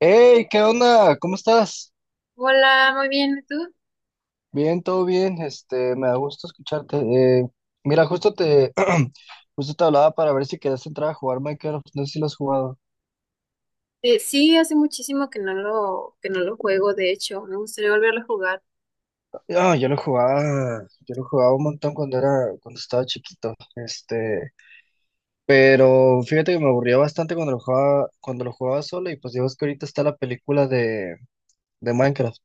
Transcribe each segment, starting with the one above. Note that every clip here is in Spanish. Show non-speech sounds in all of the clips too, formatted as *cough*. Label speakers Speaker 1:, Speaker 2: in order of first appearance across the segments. Speaker 1: Hey, ¿qué onda? ¿Cómo estás?
Speaker 2: Hola, muy bien, ¿y tú?
Speaker 1: Bien, todo bien. Este, me da gusto escucharte. Mira, *clears throat* justo te hablaba para ver si querías entrar a jugar Minecraft. No sé si lo has jugado.
Speaker 2: Sí, hace muchísimo que que no lo juego, de hecho, me gustaría volverlo a jugar.
Speaker 1: Ah, yo lo jugaba un montón cuando estaba chiquito. Este, pero fíjate que me aburría bastante cuando lo jugaba solo y pues digo, es que ahorita está de Minecraft.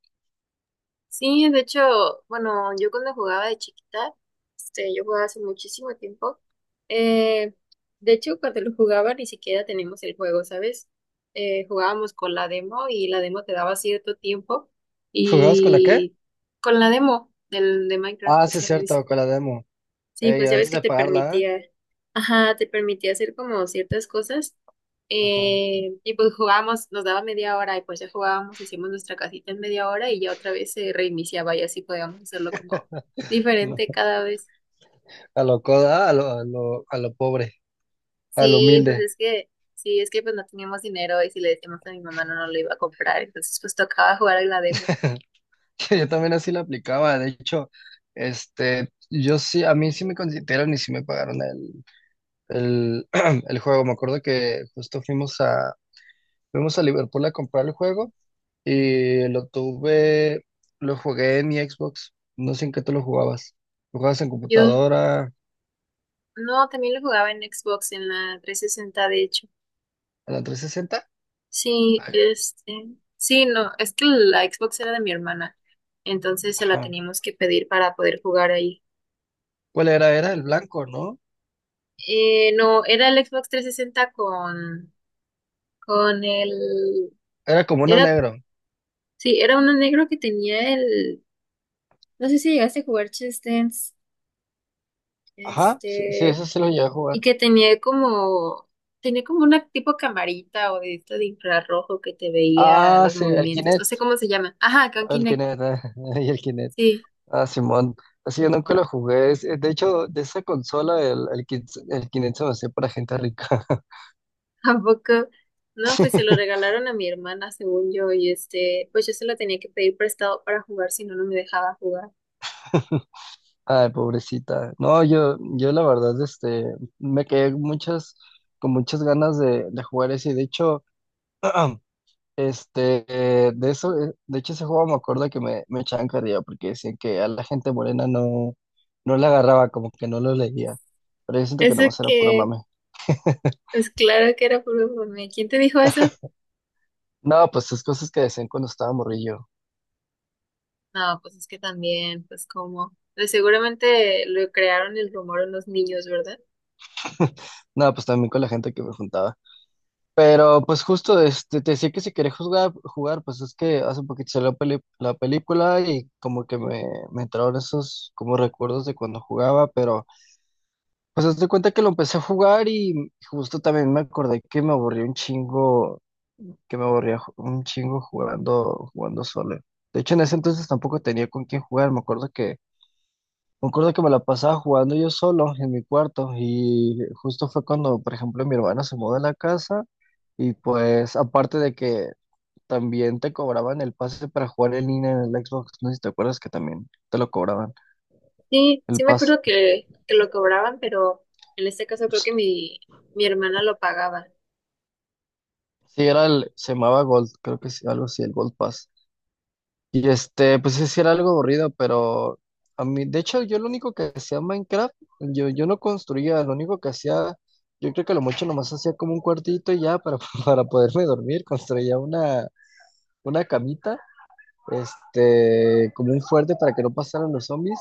Speaker 2: Sí, de hecho, bueno, yo cuando jugaba de chiquita, yo jugaba hace muchísimo tiempo. Eh, de hecho, cuando lo jugaba ni siquiera teníamos el juego, ¿sabes? Jugábamos con la demo y la demo te daba cierto tiempo
Speaker 1: ¿Jugabas con la qué?
Speaker 2: y con la demo de Minecraft,
Speaker 1: Ah,
Speaker 2: o
Speaker 1: sí, es
Speaker 2: sea.
Speaker 1: cierto, con la demo.
Speaker 2: Sí,
Speaker 1: Ey,
Speaker 2: pues ya ves
Speaker 1: antes
Speaker 2: que
Speaker 1: de
Speaker 2: te
Speaker 1: pagarla, ¿eh?
Speaker 2: permitía, ajá, te permitía hacer como ciertas cosas.
Speaker 1: Ajá.
Speaker 2: Y pues jugábamos, nos daba media hora y pues ya jugábamos, hacíamos nuestra casita en media hora y ya otra vez se reiniciaba y así podíamos hacerlo como diferente cada vez.
Speaker 1: A lo pobre, a lo
Speaker 2: Sí, pues
Speaker 1: humilde.
Speaker 2: es que, sí, es que pues no teníamos dinero y si le decíamos a mi mamá no, no lo iba a comprar, entonces pues tocaba jugar en la demo.
Speaker 1: *laughs* Yo también así lo aplicaba. De hecho, este, yo sí, a mí sí me consideraron y sí me pagaron el, *clears throat* el juego. Me acuerdo que fuimos a Liverpool a comprar el juego y lo jugué en mi Xbox. No sé en qué tú lo jugabas. ¿Lo jugabas en
Speaker 2: Yo,
Speaker 1: computadora,
Speaker 2: no, también lo jugaba en Xbox, en la 360 de hecho.
Speaker 1: en la 360?
Speaker 2: Sí,
Speaker 1: Ay,
Speaker 2: sí, no, es que la Xbox era de mi hermana, entonces se la
Speaker 1: ajá.
Speaker 2: teníamos que pedir para poder jugar ahí.
Speaker 1: ¿Cuál era? Era el blanco, ¿no?
Speaker 2: No, era el Xbox 360 con el,
Speaker 1: Era como uno
Speaker 2: era,
Speaker 1: negro.
Speaker 2: sí, era uno negro que tenía el, no sé si llegaste a jugar Just Dance,
Speaker 1: Ajá, sí, sí,
Speaker 2: este,
Speaker 1: ese sí lo llegué a
Speaker 2: y
Speaker 1: jugar.
Speaker 2: que tenía como una tipo camarita o de esto de infrarrojo que te veía
Speaker 1: Ah,
Speaker 2: los
Speaker 1: sí, el
Speaker 2: movimientos, no
Speaker 1: Kinect,
Speaker 2: sé cómo se llama. Ajá, con
Speaker 1: el
Speaker 2: Kinect,
Speaker 1: Kinect, eh, *laughs* y el Kinect.
Speaker 2: sí.
Speaker 1: Ah, Simón. Así yo nunca lo jugué. De hecho, de esa consola, el Kinect se me hacía para gente rica. *laughs*
Speaker 2: *laughs* Tampoco, no,
Speaker 1: Sí.
Speaker 2: pues se lo regalaron a mi hermana, según yo, y pues yo se lo tenía que pedir prestado para jugar, si no, no me dejaba jugar.
Speaker 1: Ay, pobrecita. No, yo la verdad, este, me quedé muchas, con muchas ganas de jugar ese. De hecho, *clears throat* Este, de hecho ese juego me acuerdo que me echaban carrilla porque decían que a la gente morena no le agarraba, como que no lo leía. Pero yo siento que
Speaker 2: Eso
Speaker 1: nomás era puro
Speaker 2: que,
Speaker 1: mame.
Speaker 2: pues claro que era puro mame. ¿Quién te dijo eso?
Speaker 1: No, pues esas cosas que decían cuando estaba morrillo.
Speaker 2: No, pues es que también, pues como, pues seguramente lo crearon el rumor en los niños, ¿verdad?
Speaker 1: *laughs* No, pues también con la gente que me juntaba. Pero pues justo este, te decía que si querés jugar, pues es que hace poquito salió la película y como que me entraron esos como recuerdos de cuando jugaba, pero pues haz de cuenta que lo empecé a jugar y justo también me acordé que me aburrí un chingo, que me aburría un chingo jugando solo. De hecho, en ese entonces tampoco tenía con quién jugar. Me acuerdo que me la pasaba jugando yo solo en mi cuarto. Y justo fue cuando, por ejemplo, mi hermana se mudó a la casa. Y pues, aparte de que también te cobraban el pase para jugar en línea en el Xbox, no sé si te acuerdas que también te lo cobraban,
Speaker 2: Sí,
Speaker 1: el
Speaker 2: sí me
Speaker 1: pase.
Speaker 2: acuerdo que lo cobraban, pero en este caso creo
Speaker 1: Sí,
Speaker 2: que mi hermana lo pagaba.
Speaker 1: era se llamaba Gold, creo que sí, algo así, el Gold Pass. Y este, pues sí era algo aburrido, pero a mí, de hecho, yo lo único que hacía en Minecraft, yo no construía, lo único que hacía, yo creo que lo mucho nomás hacía como un cuartito y ya *laughs* para poderme dormir, una camita, este, como un fuerte para que no pasaran los zombies,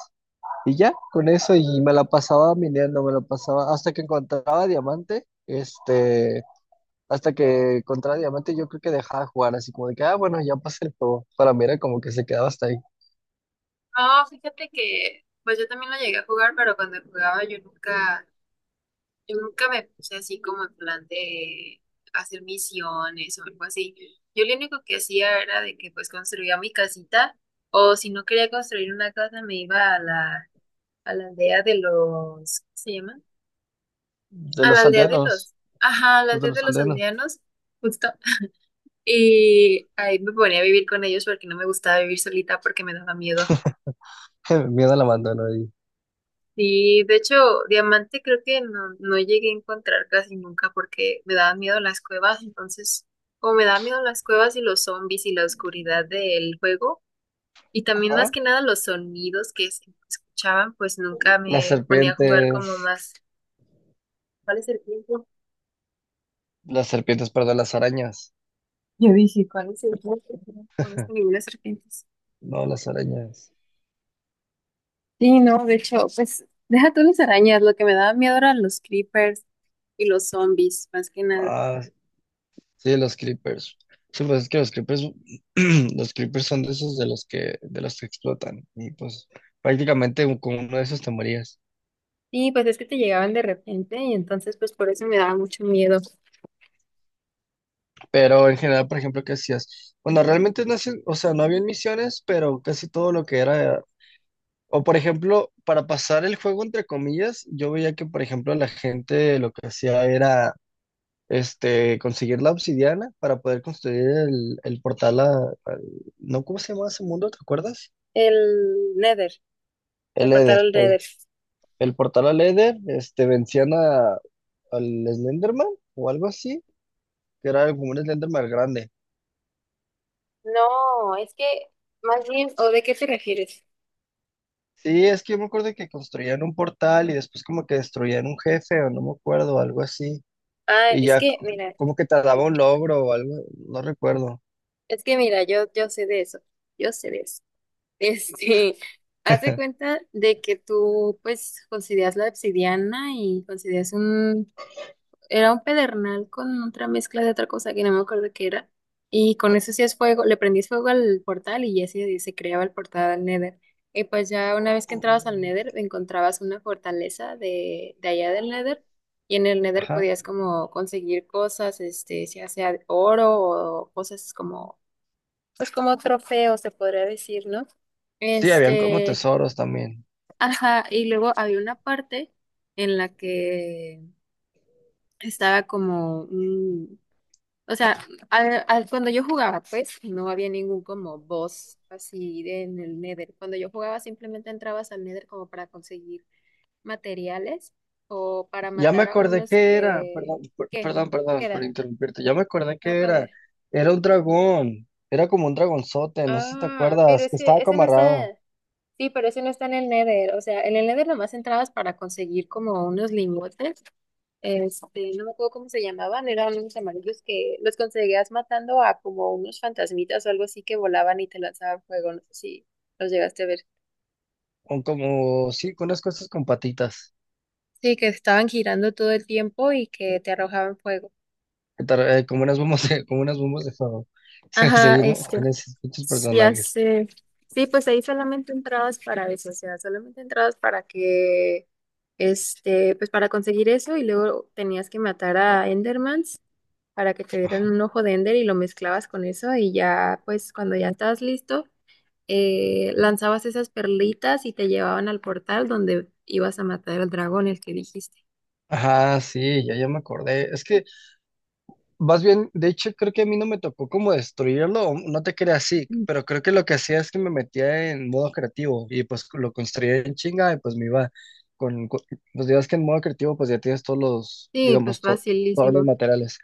Speaker 1: y ya, con eso, y me la pasaba minando, me la pasaba hasta que encontraba diamante, este, hasta que encontraba diamante, yo creo que dejaba de jugar, así como de que, ah, bueno, ya pasé el juego, para mí era como que se quedaba hasta ahí.
Speaker 2: Ah, fíjate que, pues yo también lo llegué a jugar, pero cuando jugaba yo nunca. Yo nunca me puse así como en plan de hacer misiones o algo así. Yo lo único que hacía era de que pues construía mi casita o si no quería construir una casa me iba a la aldea de los, ¿cómo se llama?
Speaker 1: De
Speaker 2: A la
Speaker 1: los
Speaker 2: aldea de
Speaker 1: aldeanos,
Speaker 2: los, ajá, a la
Speaker 1: los de
Speaker 2: aldea de
Speaker 1: los
Speaker 2: los
Speaker 1: aldeanos.
Speaker 2: aldeanos, justo. Y ahí me ponía a vivir con ellos porque no me gustaba vivir solita porque me daba miedo.
Speaker 1: *laughs* Miedo al abandono ahí.
Speaker 2: Sí, de hecho, diamante creo que no, no llegué a encontrar casi nunca porque me daban miedo las cuevas, entonces, como me daban miedo las cuevas y los zombies y la oscuridad del juego, y también más
Speaker 1: Ajá.
Speaker 2: que nada los sonidos que se escuchaban, pues nunca
Speaker 1: Las
Speaker 2: me ponía a jugar como
Speaker 1: serpientes,
Speaker 2: más. ¿Cuál es el tiempo?
Speaker 1: las serpientes, perdón, las arañas.
Speaker 2: Yo dije, ¿cuál es el tiempo? No conozco
Speaker 1: *laughs*
Speaker 2: ninguna serpiente.
Speaker 1: No, las arañas.
Speaker 2: Sí, no, de hecho, pues deja tú las arañas, lo que me daba miedo eran los creepers y los zombies, más que nada.
Speaker 1: Ah, sí, los creepers. Sí, pues es que los creepers, *clears throat* los creepers son de esos de los que explotan. Y pues prácticamente con uno de esos te morías.
Speaker 2: Sí, pues es que te llegaban de repente y entonces pues por eso me daba mucho miedo.
Speaker 1: Pero en general, por ejemplo, ¿qué hacías? Bueno, realmente o sea, no había misiones, pero casi todo lo que era, o por ejemplo, para pasar el juego entre comillas, yo veía que, por ejemplo, la gente lo que hacía era este, conseguir la obsidiana para poder construir el portal al- ¿no? ¿Cómo se llamaba ese mundo? ¿Te acuerdas?
Speaker 2: El Nether, el
Speaker 1: El
Speaker 2: portal
Speaker 1: Eder,
Speaker 2: al
Speaker 1: eh.
Speaker 2: Nether.
Speaker 1: El portal al Eder, este, vencían a, al Slenderman o algo así, que era como un Slenderman grande.
Speaker 2: No, es que más bien, ¿o de qué te refieres?
Speaker 1: Sí, es que yo me acuerdo que construían un portal y después como que destruían un jefe o no me acuerdo, algo así.
Speaker 2: Ah,
Speaker 1: Y
Speaker 2: es
Speaker 1: ya c-
Speaker 2: que mira,
Speaker 1: como que te daba un logro o algo, no recuerdo.
Speaker 2: yo sé de eso, yo sé de eso. Este, *laughs* haz de
Speaker 1: *laughs*
Speaker 2: cuenta de que tú pues consideras la obsidiana y consideras era un pedernal con otra mezcla de otra cosa que no me acuerdo qué era. Y con eso hacías fuego, le prendías fuego al portal y ya se creaba el portal al Nether. Y pues ya una vez que entrabas al Nether, encontrabas una fortaleza de allá del Nether. Y en el Nether
Speaker 1: Ajá.
Speaker 2: podías como conseguir cosas, ya sea oro o cosas como, pues como trofeos, se podría decir, ¿no?
Speaker 1: Sí, habían como
Speaker 2: Este,
Speaker 1: tesoros también.
Speaker 2: ajá, y luego había una parte en la que estaba como, o sea, cuando yo jugaba, pues no había ningún como boss en el Nether. Cuando yo jugaba, simplemente entrabas al Nether como para conseguir materiales o para
Speaker 1: Ya me
Speaker 2: matar a
Speaker 1: acordé
Speaker 2: unos
Speaker 1: que era,
Speaker 2: que... ¿Qué?
Speaker 1: perdón,
Speaker 2: ¿Qué
Speaker 1: perdón por
Speaker 2: era?
Speaker 1: interrumpirte, ya me acordé
Speaker 2: No,
Speaker 1: que
Speaker 2: ¿cuál
Speaker 1: era,
Speaker 2: era?
Speaker 1: era un dragón, era como un dragonzote, no sé si te
Speaker 2: Ah, pero
Speaker 1: acuerdas,
Speaker 2: es
Speaker 1: que
Speaker 2: que
Speaker 1: estaba
Speaker 2: ese no está...
Speaker 1: camarado,
Speaker 2: Sí, pero ese no está en el Nether. O sea, en el Nether nomás entrabas para conseguir como unos lingotes. No me acuerdo cómo se llamaban, eran unos amarillos que los conseguías matando a como unos fantasmitas o algo así que volaban y te lanzaban fuego, no sé si los llegaste a ver.
Speaker 1: con como, sí, con unas cosas con patitas,
Speaker 2: Sí, que estaban girando todo el tiempo y que te arrojaban fuego.
Speaker 1: como unas *laughs* como unas bombas de fuego. *laughs*
Speaker 2: Ajá,
Speaker 1: Sí, ¿no? Con esos pinches
Speaker 2: ya
Speaker 1: personajes.
Speaker 2: sé. Sí, pues ahí solamente entrabas para eso, o sea, solamente entrabas para que, pues para conseguir eso y luego tenías que matar a Endermans para que te dieran un ojo de Ender y lo mezclabas con eso y ya, pues cuando ya estabas listo. Lanzabas esas perlitas y te llevaban al portal donde ibas a matar al dragón, el que dijiste.
Speaker 1: Ajá, sí, ya me acordé. Es que, más bien, de hecho, creo que a mí no me tocó como destruirlo, o no te creas así,
Speaker 2: Mm.
Speaker 1: pero creo que lo que hacía es que me metía en modo creativo y pues lo construía en chinga y pues me iba con, con- pues digas que en modo creativo pues ya tienes todos los,
Speaker 2: Sí, pues
Speaker 1: digamos, todos los
Speaker 2: facilísimo.
Speaker 1: materiales.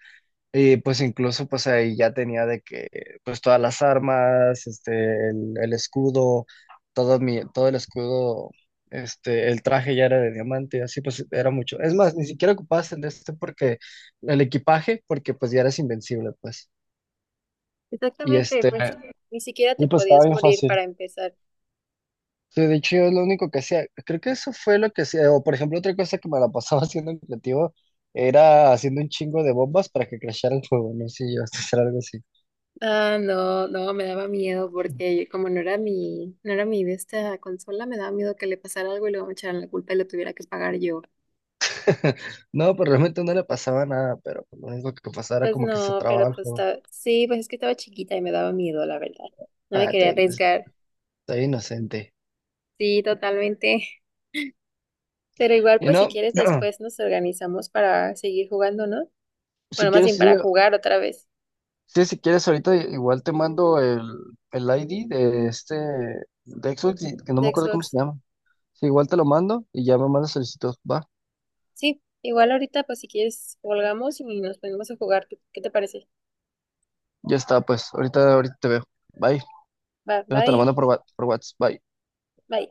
Speaker 1: Y pues incluso pues ahí ya tenía de que pues todas las armas, este, el escudo, todo el escudo, este, el traje ya era de diamante, así pues era mucho. Es más, ni siquiera ocupabas el de este porque, el equipaje, porque pues ya eras invencible, pues. Y
Speaker 2: Exactamente,
Speaker 1: este,
Speaker 2: pues ni siquiera te
Speaker 1: y pues estaba
Speaker 2: podías
Speaker 1: bien
Speaker 2: morir
Speaker 1: fácil.
Speaker 2: para empezar.
Speaker 1: Sí, de hecho yo es lo único que hacía, creo que eso fue lo que hacía, o por ejemplo otra cosa que me la pasaba *laughs* haciendo en creativo, era haciendo un chingo de bombas para que crashara el juego, no sé si yo a hacer algo así.
Speaker 2: Ah, no, no, me daba miedo porque como no era mi, no era mi de esta consola, me daba miedo que le pasara algo y luego me echaran la culpa y lo tuviera que pagar yo.
Speaker 1: *laughs* No, pero realmente no le pasaba nada, pero pues, lo único que pasaba era
Speaker 2: Pues
Speaker 1: como que se
Speaker 2: no,
Speaker 1: trababa
Speaker 2: pero
Speaker 1: el
Speaker 2: pues
Speaker 1: juego.
Speaker 2: sí, pues es que estaba chiquita y me daba miedo, la verdad. No me
Speaker 1: Ah,
Speaker 2: quería arriesgar.
Speaker 1: está inocente.
Speaker 2: Sí, totalmente. Pero igual,
Speaker 1: Y
Speaker 2: pues si
Speaker 1: no,
Speaker 2: quieres,
Speaker 1: *clears throat*
Speaker 2: después nos organizamos para seguir jugando, ¿no? Bueno,
Speaker 1: si
Speaker 2: más
Speaker 1: quieres,
Speaker 2: bien
Speaker 1: sí,
Speaker 2: para jugar otra vez
Speaker 1: sí, si quieres, ahorita igual te mando el ID de este, de Xbox, que no me
Speaker 2: de
Speaker 1: acuerdo cómo
Speaker 2: Xbox.
Speaker 1: se llama. Sí, igual te lo mando y ya me mandas solicitud, va.
Speaker 2: Sí, igual ahorita, pues si quieres, colgamos y nos ponemos a jugar. ¿Qué te parece?
Speaker 1: Ya está, pues, ahorita te veo. Bye.
Speaker 2: Va,
Speaker 1: Yo te lo
Speaker 2: bye,
Speaker 1: mando por, por WhatsApp. Bye.
Speaker 2: bye.